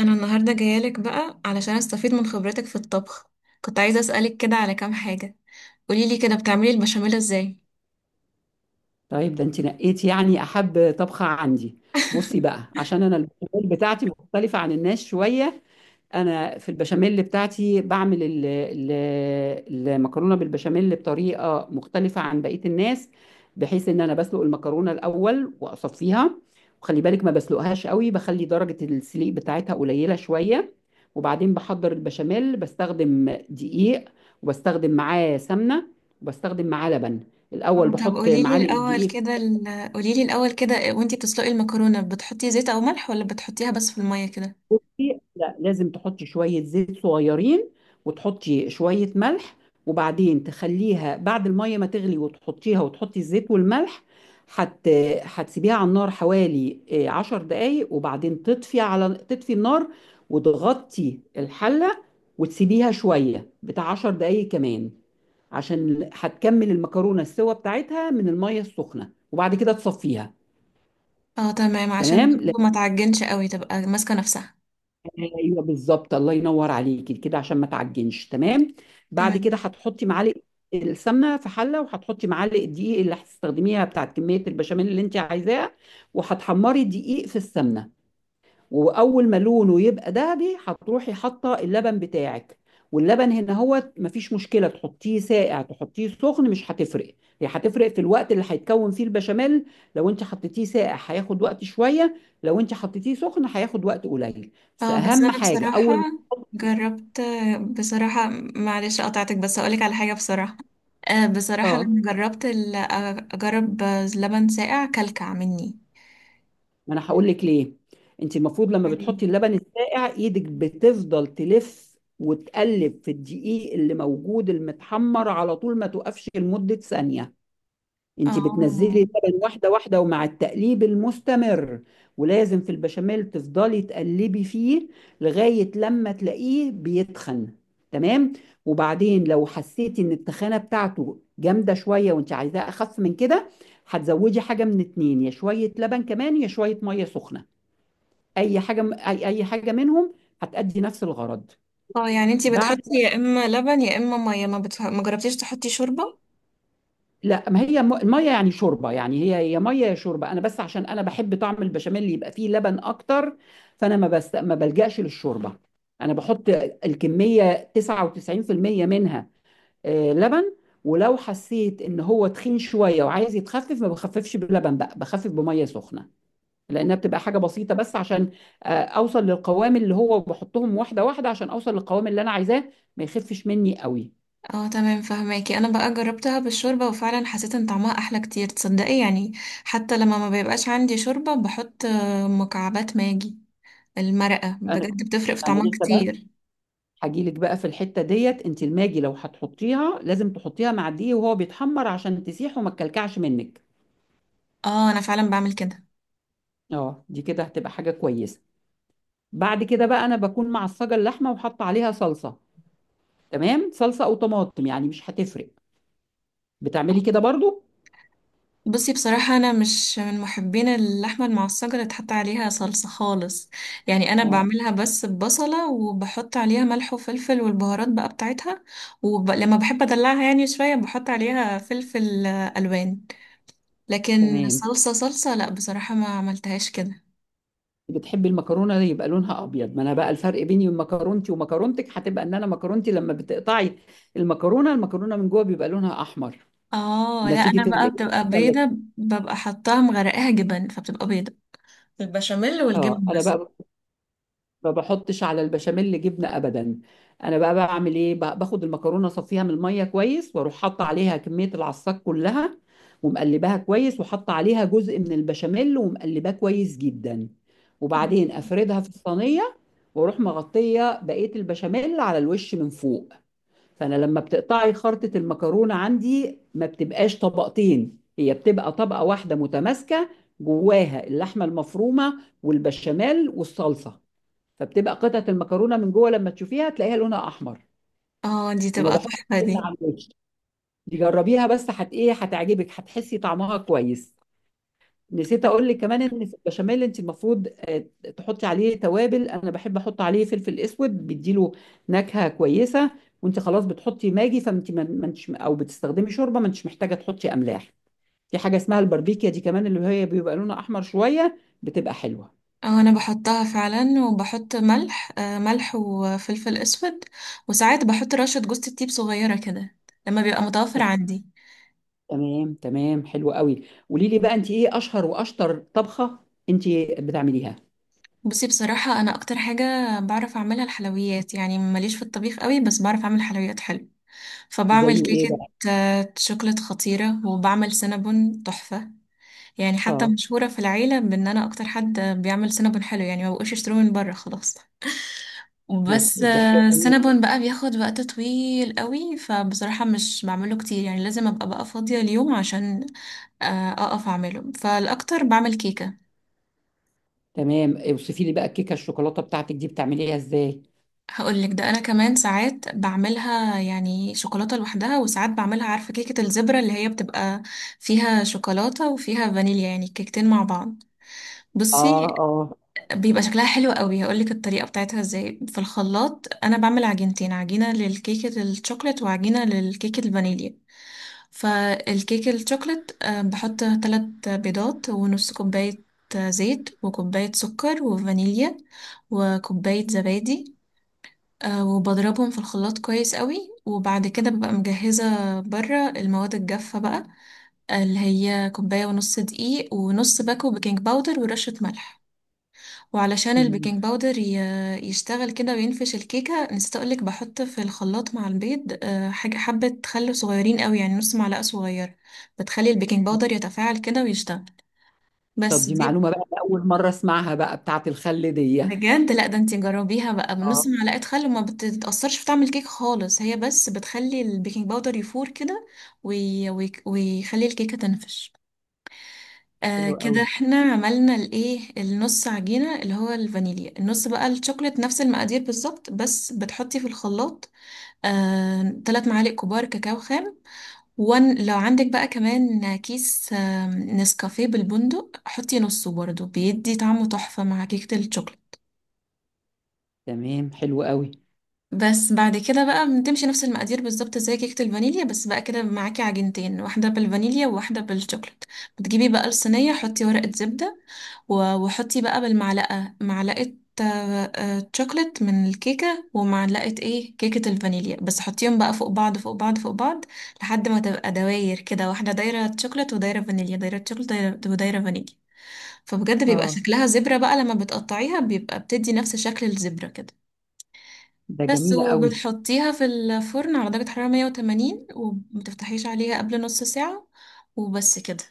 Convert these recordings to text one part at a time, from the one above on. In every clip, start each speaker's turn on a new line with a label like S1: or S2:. S1: انا النهارده جايالك بقى علشان استفيد من خبرتك في الطبخ. كنت عايزه اسالك كده على كام حاجه. قوليلي كده بتعملي البشاميل ازاي؟
S2: طيب ده انت نقيت يعني احب طبخه عندي. بصي بقى، عشان انا البشاميل بتاعتي مختلفه عن الناس شويه. انا في البشاميل بتاعتي بعمل المكرونه بالبشاميل بطريقه مختلفه عن بقيه الناس، بحيث ان انا بسلق المكرونه الاول واصفيها. وخلي بالك، ما بسلقهاش قوي، بخلي درجه السليق بتاعتها قليله شويه. وبعدين بحضر البشاميل، بستخدم دقيق، وبستخدم معاه سمنه، وبستخدم معاه لبن. الاول
S1: طب
S2: بحط معالق الدقيق.
S1: قوليلي الاول كده وانتي بتسلقي المكرونه، بتحطي زيت او ملح ولا بتحطيها بس في الميه كده؟
S2: بصي، لا، لازم تحطي شوية زيت صغيرين، وتحطي شوية ملح، وبعدين تخليها بعد المية ما تغلي وتحطيها، وتحطي الزيت والملح. هت هتسيبيها على النار حوالي، عشر دقايق، وبعدين تطفي النار، وتغطي الحلة، وتسيبيها شوية بتاع عشر دقايق كمان، عشان هتكمل المكرونة السوا بتاعتها من المية السخنة، وبعد كده تصفيها.
S1: اه، تمام، عشان
S2: تمام،
S1: برضه ما تعجنش قوي تبقى ماسكه نفسها.
S2: ايوه بالظبط، الله ينور عليكي كده، عشان ما تعجنش، تمام. بعد كده
S1: تمام.
S2: هتحطي معلقه السمنه في حله، وهتحطي معلقه دقيق اللي هتستخدميها بتاعت كميه البشاميل اللي انت عايزاها. وهتحمري الدقيق في السمنه، واول ما لونه يبقى دهبي هتروحي حاطه اللبن بتاعك. واللبن هنا هو مفيش مشكله تحطيه ساقع تحطيه سخن، مش هتفرق. هي هتفرق في الوقت اللي هيتكون فيه البشاميل. لو انت حطيتيه ساقع هياخد وقت شويه، لو انت حطيتيه سخن هياخد وقت قليل. بس
S1: اه بس
S2: اهم
S1: انا
S2: حاجه
S1: بصراحة
S2: اول ما،
S1: جربت. بصراحة، معلش قطعتك بس هقولك على حاجة. بصراحة، بصراحة
S2: اه
S1: لما جربت اجرب لبن ساقع كلكع مني.
S2: ما انا هقول لك ليه. انت المفروض، لما
S1: عجيب.
S2: بتحطي اللبن الساقع، ايدك بتفضل تلف وتقلب في الدقيق اللي موجود المتحمر على طول، ما توقفش لمده ثانيه.
S1: اه
S2: انت بتنزلي اللبن واحده واحده، ومع التقليب المستمر. ولازم في البشاميل تفضلي تقلبي فيه لغايه لما تلاقيه بيتخن، تمام. وبعدين لو حسيتي ان التخانه بتاعته جامده شويه وانت عايزاه اخف من كده، هتزودي حاجه من اتنين، يا شويه لبن كمان يا شويه ميه سخنه. اي حاجه، اي حاجه منهم هتأدي نفس الغرض.
S1: اه، يعني انتي
S2: بعد
S1: بتحطي يا اما لبن يا اما مية، ما جربتيش تحطي شوربة؟
S2: لا، ما هي الميه يعني شوربه، يعني هي هي ميه يا شوربه، انا بس عشان انا بحب طعم البشاميل اللي يبقى فيه لبن اكتر. فانا ما بلجأش للشوربه. انا بحط الكميه 99% منها لبن. ولو حسيت ان هو تخين شويه وعايز يتخفف، ما بخففش بلبن بقى، بخفف بميه سخنه، لانها بتبقى حاجه بسيطه، بس عشان اوصل للقوام اللي هو بحطهم واحده واحده عشان اوصل للقوام اللي انا عايزاه ما يخفش مني قوي.
S1: اه تمام، فهماكي. انا بقى جربتها بالشوربة وفعلا حسيت ان طعمها احلى كتير، تصدقي يعني. حتى لما ما بيبقاش عندي شوربة بحط مكعبات ماجي. المرقة
S2: انا
S1: بجد بتفرق في
S2: انا
S1: طعمها
S2: لسه
S1: كتير.
S2: هاجيلك بقى في الحتة ديت، انت الماجي لو هتحطيها لازم تحطيها مع الدقيق وهو بيتحمر عشان تسيح وما تكلكعش منك.
S1: اه، انا فعلا بعمل كده.
S2: اه، دي كده هتبقى حاجة كويسة. بعد كده بقى انا بكون معصجة اللحمة وحاطة عليها صلصة، تمام. صلصة او طماطم يعني مش هتفرق، بتعملي
S1: آه.
S2: كده برضو.
S1: بصي، بصراحة انا مش من محبين اللحمة المعصجة اللي تحط عليها صلصة خالص. يعني انا
S2: اه
S1: بعملها بس ببصلة وبحط عليها ملح وفلفل والبهارات بقى بتاعتها. ولما بحب ادلعها يعني شوية بحط عليها فلفل الوان. لكن
S2: تمام.
S1: صلصة صلصة لا بصراحة ما عملتهاش كده.
S2: بتحبي المكرونة يبقى لونها ابيض، ما انا بقى الفرق بيني وبين مكرونتي ومكرونتك هتبقى ان انا مكرونتي لما بتقطعي المكرونة من جوه بيبقى لونها احمر،
S1: اه لا، انا
S2: نتيجة
S1: بقى
S2: الايه؟
S1: بتبقى بيضة. ببقى حطاها مغرقاها جبن فبتبقى بيضة. البشاميل
S2: اه،
S1: والجبن
S2: انا
S1: بس.
S2: بقى ما بحطش على البشاميل جبنه ابدا. انا بقى بعمل ايه، باخد المكرونه اصفيها من الميه كويس، واروح حاطه عليها كميه العصاك كلها، ومقلباها كويس، وحاطه عليها جزء من البشاميل ومقلباه كويس جدا، وبعدين افردها في الصينيه، واروح مغطيه بقيه البشاميل على الوش من فوق. فانا لما بتقطعي خرطة المكرونة عندي ما بتبقاش طبقتين، هي بتبقى طبقة واحدة متماسكة، جواها اللحمة المفرومة والبشاميل والصلصة. فبتبقى قطعة المكرونة من جوه لما تشوفيها تلاقيها لونها احمر.
S1: اه، دي
S2: وما
S1: تبقى
S2: بحطش
S1: تحفة دي.
S2: جبنة على الوش. دي جربيها، بس هت ايه، هتعجبك، هتحسي طعمها كويس. نسيت اقول لك كمان ان في البشاميل انت المفروض، تحطي عليه توابل. انا بحب احط عليه فلفل اسود، بيديله نكهه كويسه. وانت خلاص بتحطي ماجي، فانت ما انتش او بتستخدمي شوربه ما انتش محتاجه تحطي املاح. في حاجه اسمها الباربيكيا دي كمان، اللي هي بيبقى لونها احمر شويه، بتبقى حلوه.
S1: أو انا بحطها فعلا، وبحط ملح وفلفل اسود. وساعات بحط رشة جوز الطيب صغيرة كده لما بيبقى متوفر عندي.
S2: تمام تمام، حلو قوي. قولي لي بقى، انت ايه اشهر واشطر طبخه انت بتعمليها،
S1: بصي، بصراحة انا اكتر حاجة بعرف اعملها الحلويات، يعني ماليش في الطبيخ قوي بس بعرف اعمل حلويات حلو. فبعمل
S2: زي ايه
S1: كيكة
S2: بقى؟
S1: شوكولات خطيرة، وبعمل سينابون تحفة. يعني حتى
S2: اه،
S1: مشهورة في العيلة بان انا اكتر حد بيعمل سينابون حلو، يعني ما بقوش يشتروه من بره خلاص. بس
S2: دي حاجه جميله.
S1: السينابون بقى بياخد وقت طويل قوي، فبصراحة مش بعمله كتير يعني لازم ابقى بقى فاضية اليوم عشان اقف اعمله، فالاكتر بعمل كيكة.
S2: تمام، اوصفي لي بقى الكيكه الشوكولاته بتاعتك دي بتعمليها ازاي.
S1: هقولك ده انا كمان ساعات بعملها يعني شوكولاتة لوحدها، وساعات بعملها عارفة كيكة الزبرة اللي هي بتبقى فيها شوكولاتة وفيها فانيليا يعني كيكتين مع بعض.
S2: اه،
S1: بصي،
S2: اه.
S1: بيبقى شكلها حلو قوي. هقولك الطريقة بتاعتها ازاي. في الخلاط انا بعمل عجينتين، عجينة للكيكة الشوكولات وعجينة للكيكة الفانيليا. فالكيك الشوكلت بحط 3 بيضات ونص كوباية زيت وكوباية سكر وفانيليا وكوباية زبادي. وبضربهم في الخلاط كويس قوي. وبعد كده ببقى مجهزة بره المواد الجافة بقى، اللي هي كوباية ونص دقيق ونص باكو بيكنج باودر ورشة ملح. وعلشان
S2: مم.
S1: البيكنج باودر يشتغل كده وينفش الكيكة، نسيت أقولك بحط في الخلاط مع البيض حاجة حبة خل صغيرين قوي يعني نص معلقة صغيرة. بتخلي البيكنج باودر يتفاعل كده ويشتغل.
S2: طب
S1: بس
S2: دي
S1: دي
S2: معلومة بقى، أنا أول مرة أسمعها، بقى بتاعة الخل دي.
S1: بجد، لا ده انتي جربيها بقى بنص
S2: اه،
S1: معلقة خل وما بتتأثرش في طعم الكيك خالص، هي بس بتخلي البيكنج باودر يفور كده ويخلي الكيكة تنفش.
S2: حلو
S1: كده
S2: قوي.
S1: احنا عملنا الايه النص عجينة اللي هو الفانيليا، النص بقى الشوكولات نفس المقادير بالظبط بس بتحطي في الخلاط 3 معالق كبار كاكاو خام، وان لو عندك بقى كمان كيس نسكافيه بالبندق حطي نصه برضه بيدي طعمه تحفة مع كيكة الشوكولات.
S2: تمام، حلو قوي.
S1: بس بعد كده بقى بتمشي نفس المقادير بالظبط زي كيكة الفانيليا، بس بقى كده معاكي عجينتين واحدة بالفانيليا وواحدة بالشوكولات. بتجيبي بقى الصينية، حطي ورقة زبدة وحطي بقى بالمعلقة معلقة آه، شوكولات من الكيكة ومعلقة ايه كيكة الفانيليا، بس حطيهم بقى فوق بعض فوق بعض فوق بعض لحد ما تبقى دواير كده، واحدة دايرة شوكولات ودايرة فانيليا دايرة شوكولات دايرة ودايرة فانيليا. فبجد بيبقى
S2: اه،
S1: شكلها زبرة بقى لما بتقطعيها بيبقى بتدي نفس شكل الزبرة كده.
S2: ده
S1: بس،
S2: جميلة قوي.
S1: وبتحطيها في الفرن على درجة حرارة 180 ومتفتحيش عليها قبل نص ساعة. وبس كده.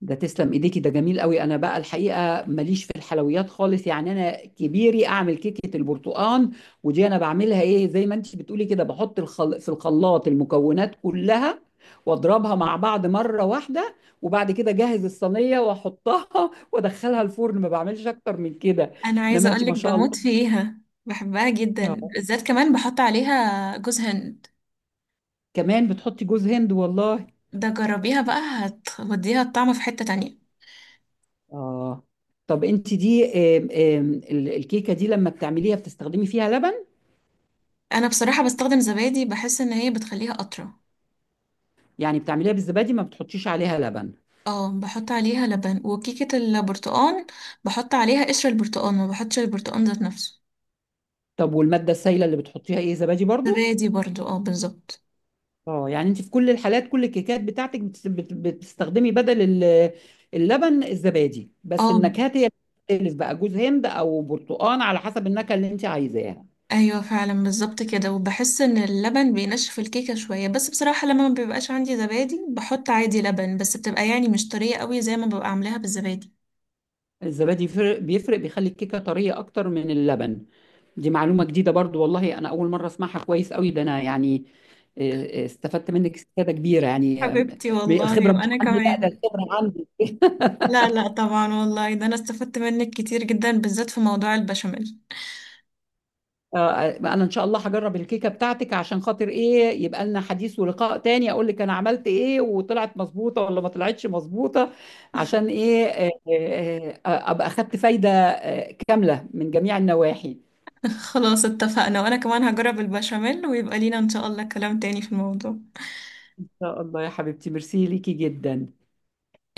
S2: ده تسلم ايديكي، ده جميل قوي. انا بقى الحقيقه ماليش في الحلويات خالص، يعني انا كبيري اعمل كيكه البرتقال. ودي انا بعملها ايه، زي ما انت بتقولي كده، في الخلاط المكونات كلها، واضربها مع بعض مره واحده، وبعد كده اجهز الصينيه واحطها وادخلها الفرن، ما بعملش اكتر من كده.
S1: أنا عايزة
S2: انما انت
S1: أقولك
S2: ما شاء
S1: بموت
S2: الله.
S1: فيها. بحبها جدا، بالذات كمان بحط عليها جوز هند.
S2: كمان بتحطي جوز هند والله؟
S1: ده جربيها بقى هتوديها الطعم في حتة تانية.
S2: اه، طب انت دي آم، آم، الكيكه دي لما بتعمليها بتستخدمي فيها لبن؟
S1: أنا بصراحة بستخدم زبادي، بحس إن هي بتخليها أطرى.
S2: يعني بتعمليها بالزبادي، ما بتحطيش عليها لبن؟
S1: اه، بحط عليها لبن. وكيكة البرتقال بحط عليها قشر البرتقال، ما بحطش البرتقال ذات نفسه.
S2: طب والمادة السائلة اللي بتحطيها ايه، زبادي برضو؟
S1: زبادي برضو، اه بالظبط.
S2: اه، يعني انت في كل الحالات، كل الكيكات بتاعتك بتستخدمي بدل اللبن الزبادي، بس
S1: اه،
S2: النكهات هي بتختلف بقى، جوز هند او برتقان على حسب النكهة اللي انت عايزاها.
S1: ايوه فعلا بالظبط كده. وبحس ان اللبن بينشف الكيكه شويه، بس بصراحه لما ما بيبقاش عندي زبادي بحط عادي لبن، بس بتبقى يعني مش طريه قوي زي ما ببقى عاملاها بالزبادي.
S2: الزبادي بيفرق، بيخلي الكيكة طرية اكتر من اللبن. دي معلومة جديدة برضو والله، أنا أول مرة أسمعها، كويس قوي ده، أنا يعني استفدت منك استفادة كبيرة، يعني
S1: حبيبتي
S2: الخبرة
S1: والله،
S2: مش
S1: وانا
S2: عندي، لا ده
S1: كمان.
S2: الخبرة عندي.
S1: لا لا، طبعا والله ده انا استفدت منك كتير جدا، بالذات في موضوع البشاميل.
S2: انا ان شاء الله هجرب الكيكه بتاعتك، عشان خاطر ايه يبقى لنا حديث ولقاء تاني، اقول لك انا عملت ايه وطلعت مظبوطه ولا ما طلعتش مظبوطه. عشان ايه، ابقى اخدت فايده كامله من جميع النواحي.
S1: خلاص اتفقنا، وانا كمان هجرب البشاميل، ويبقى لينا ان شاء الله كلام تاني في الموضوع.
S2: ان شاء الله يا حبيبتي، ميرسي ليكي جدا،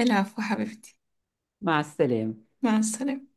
S1: العفو حبيبتي.
S2: مع السلامه.
S1: مع السلامه.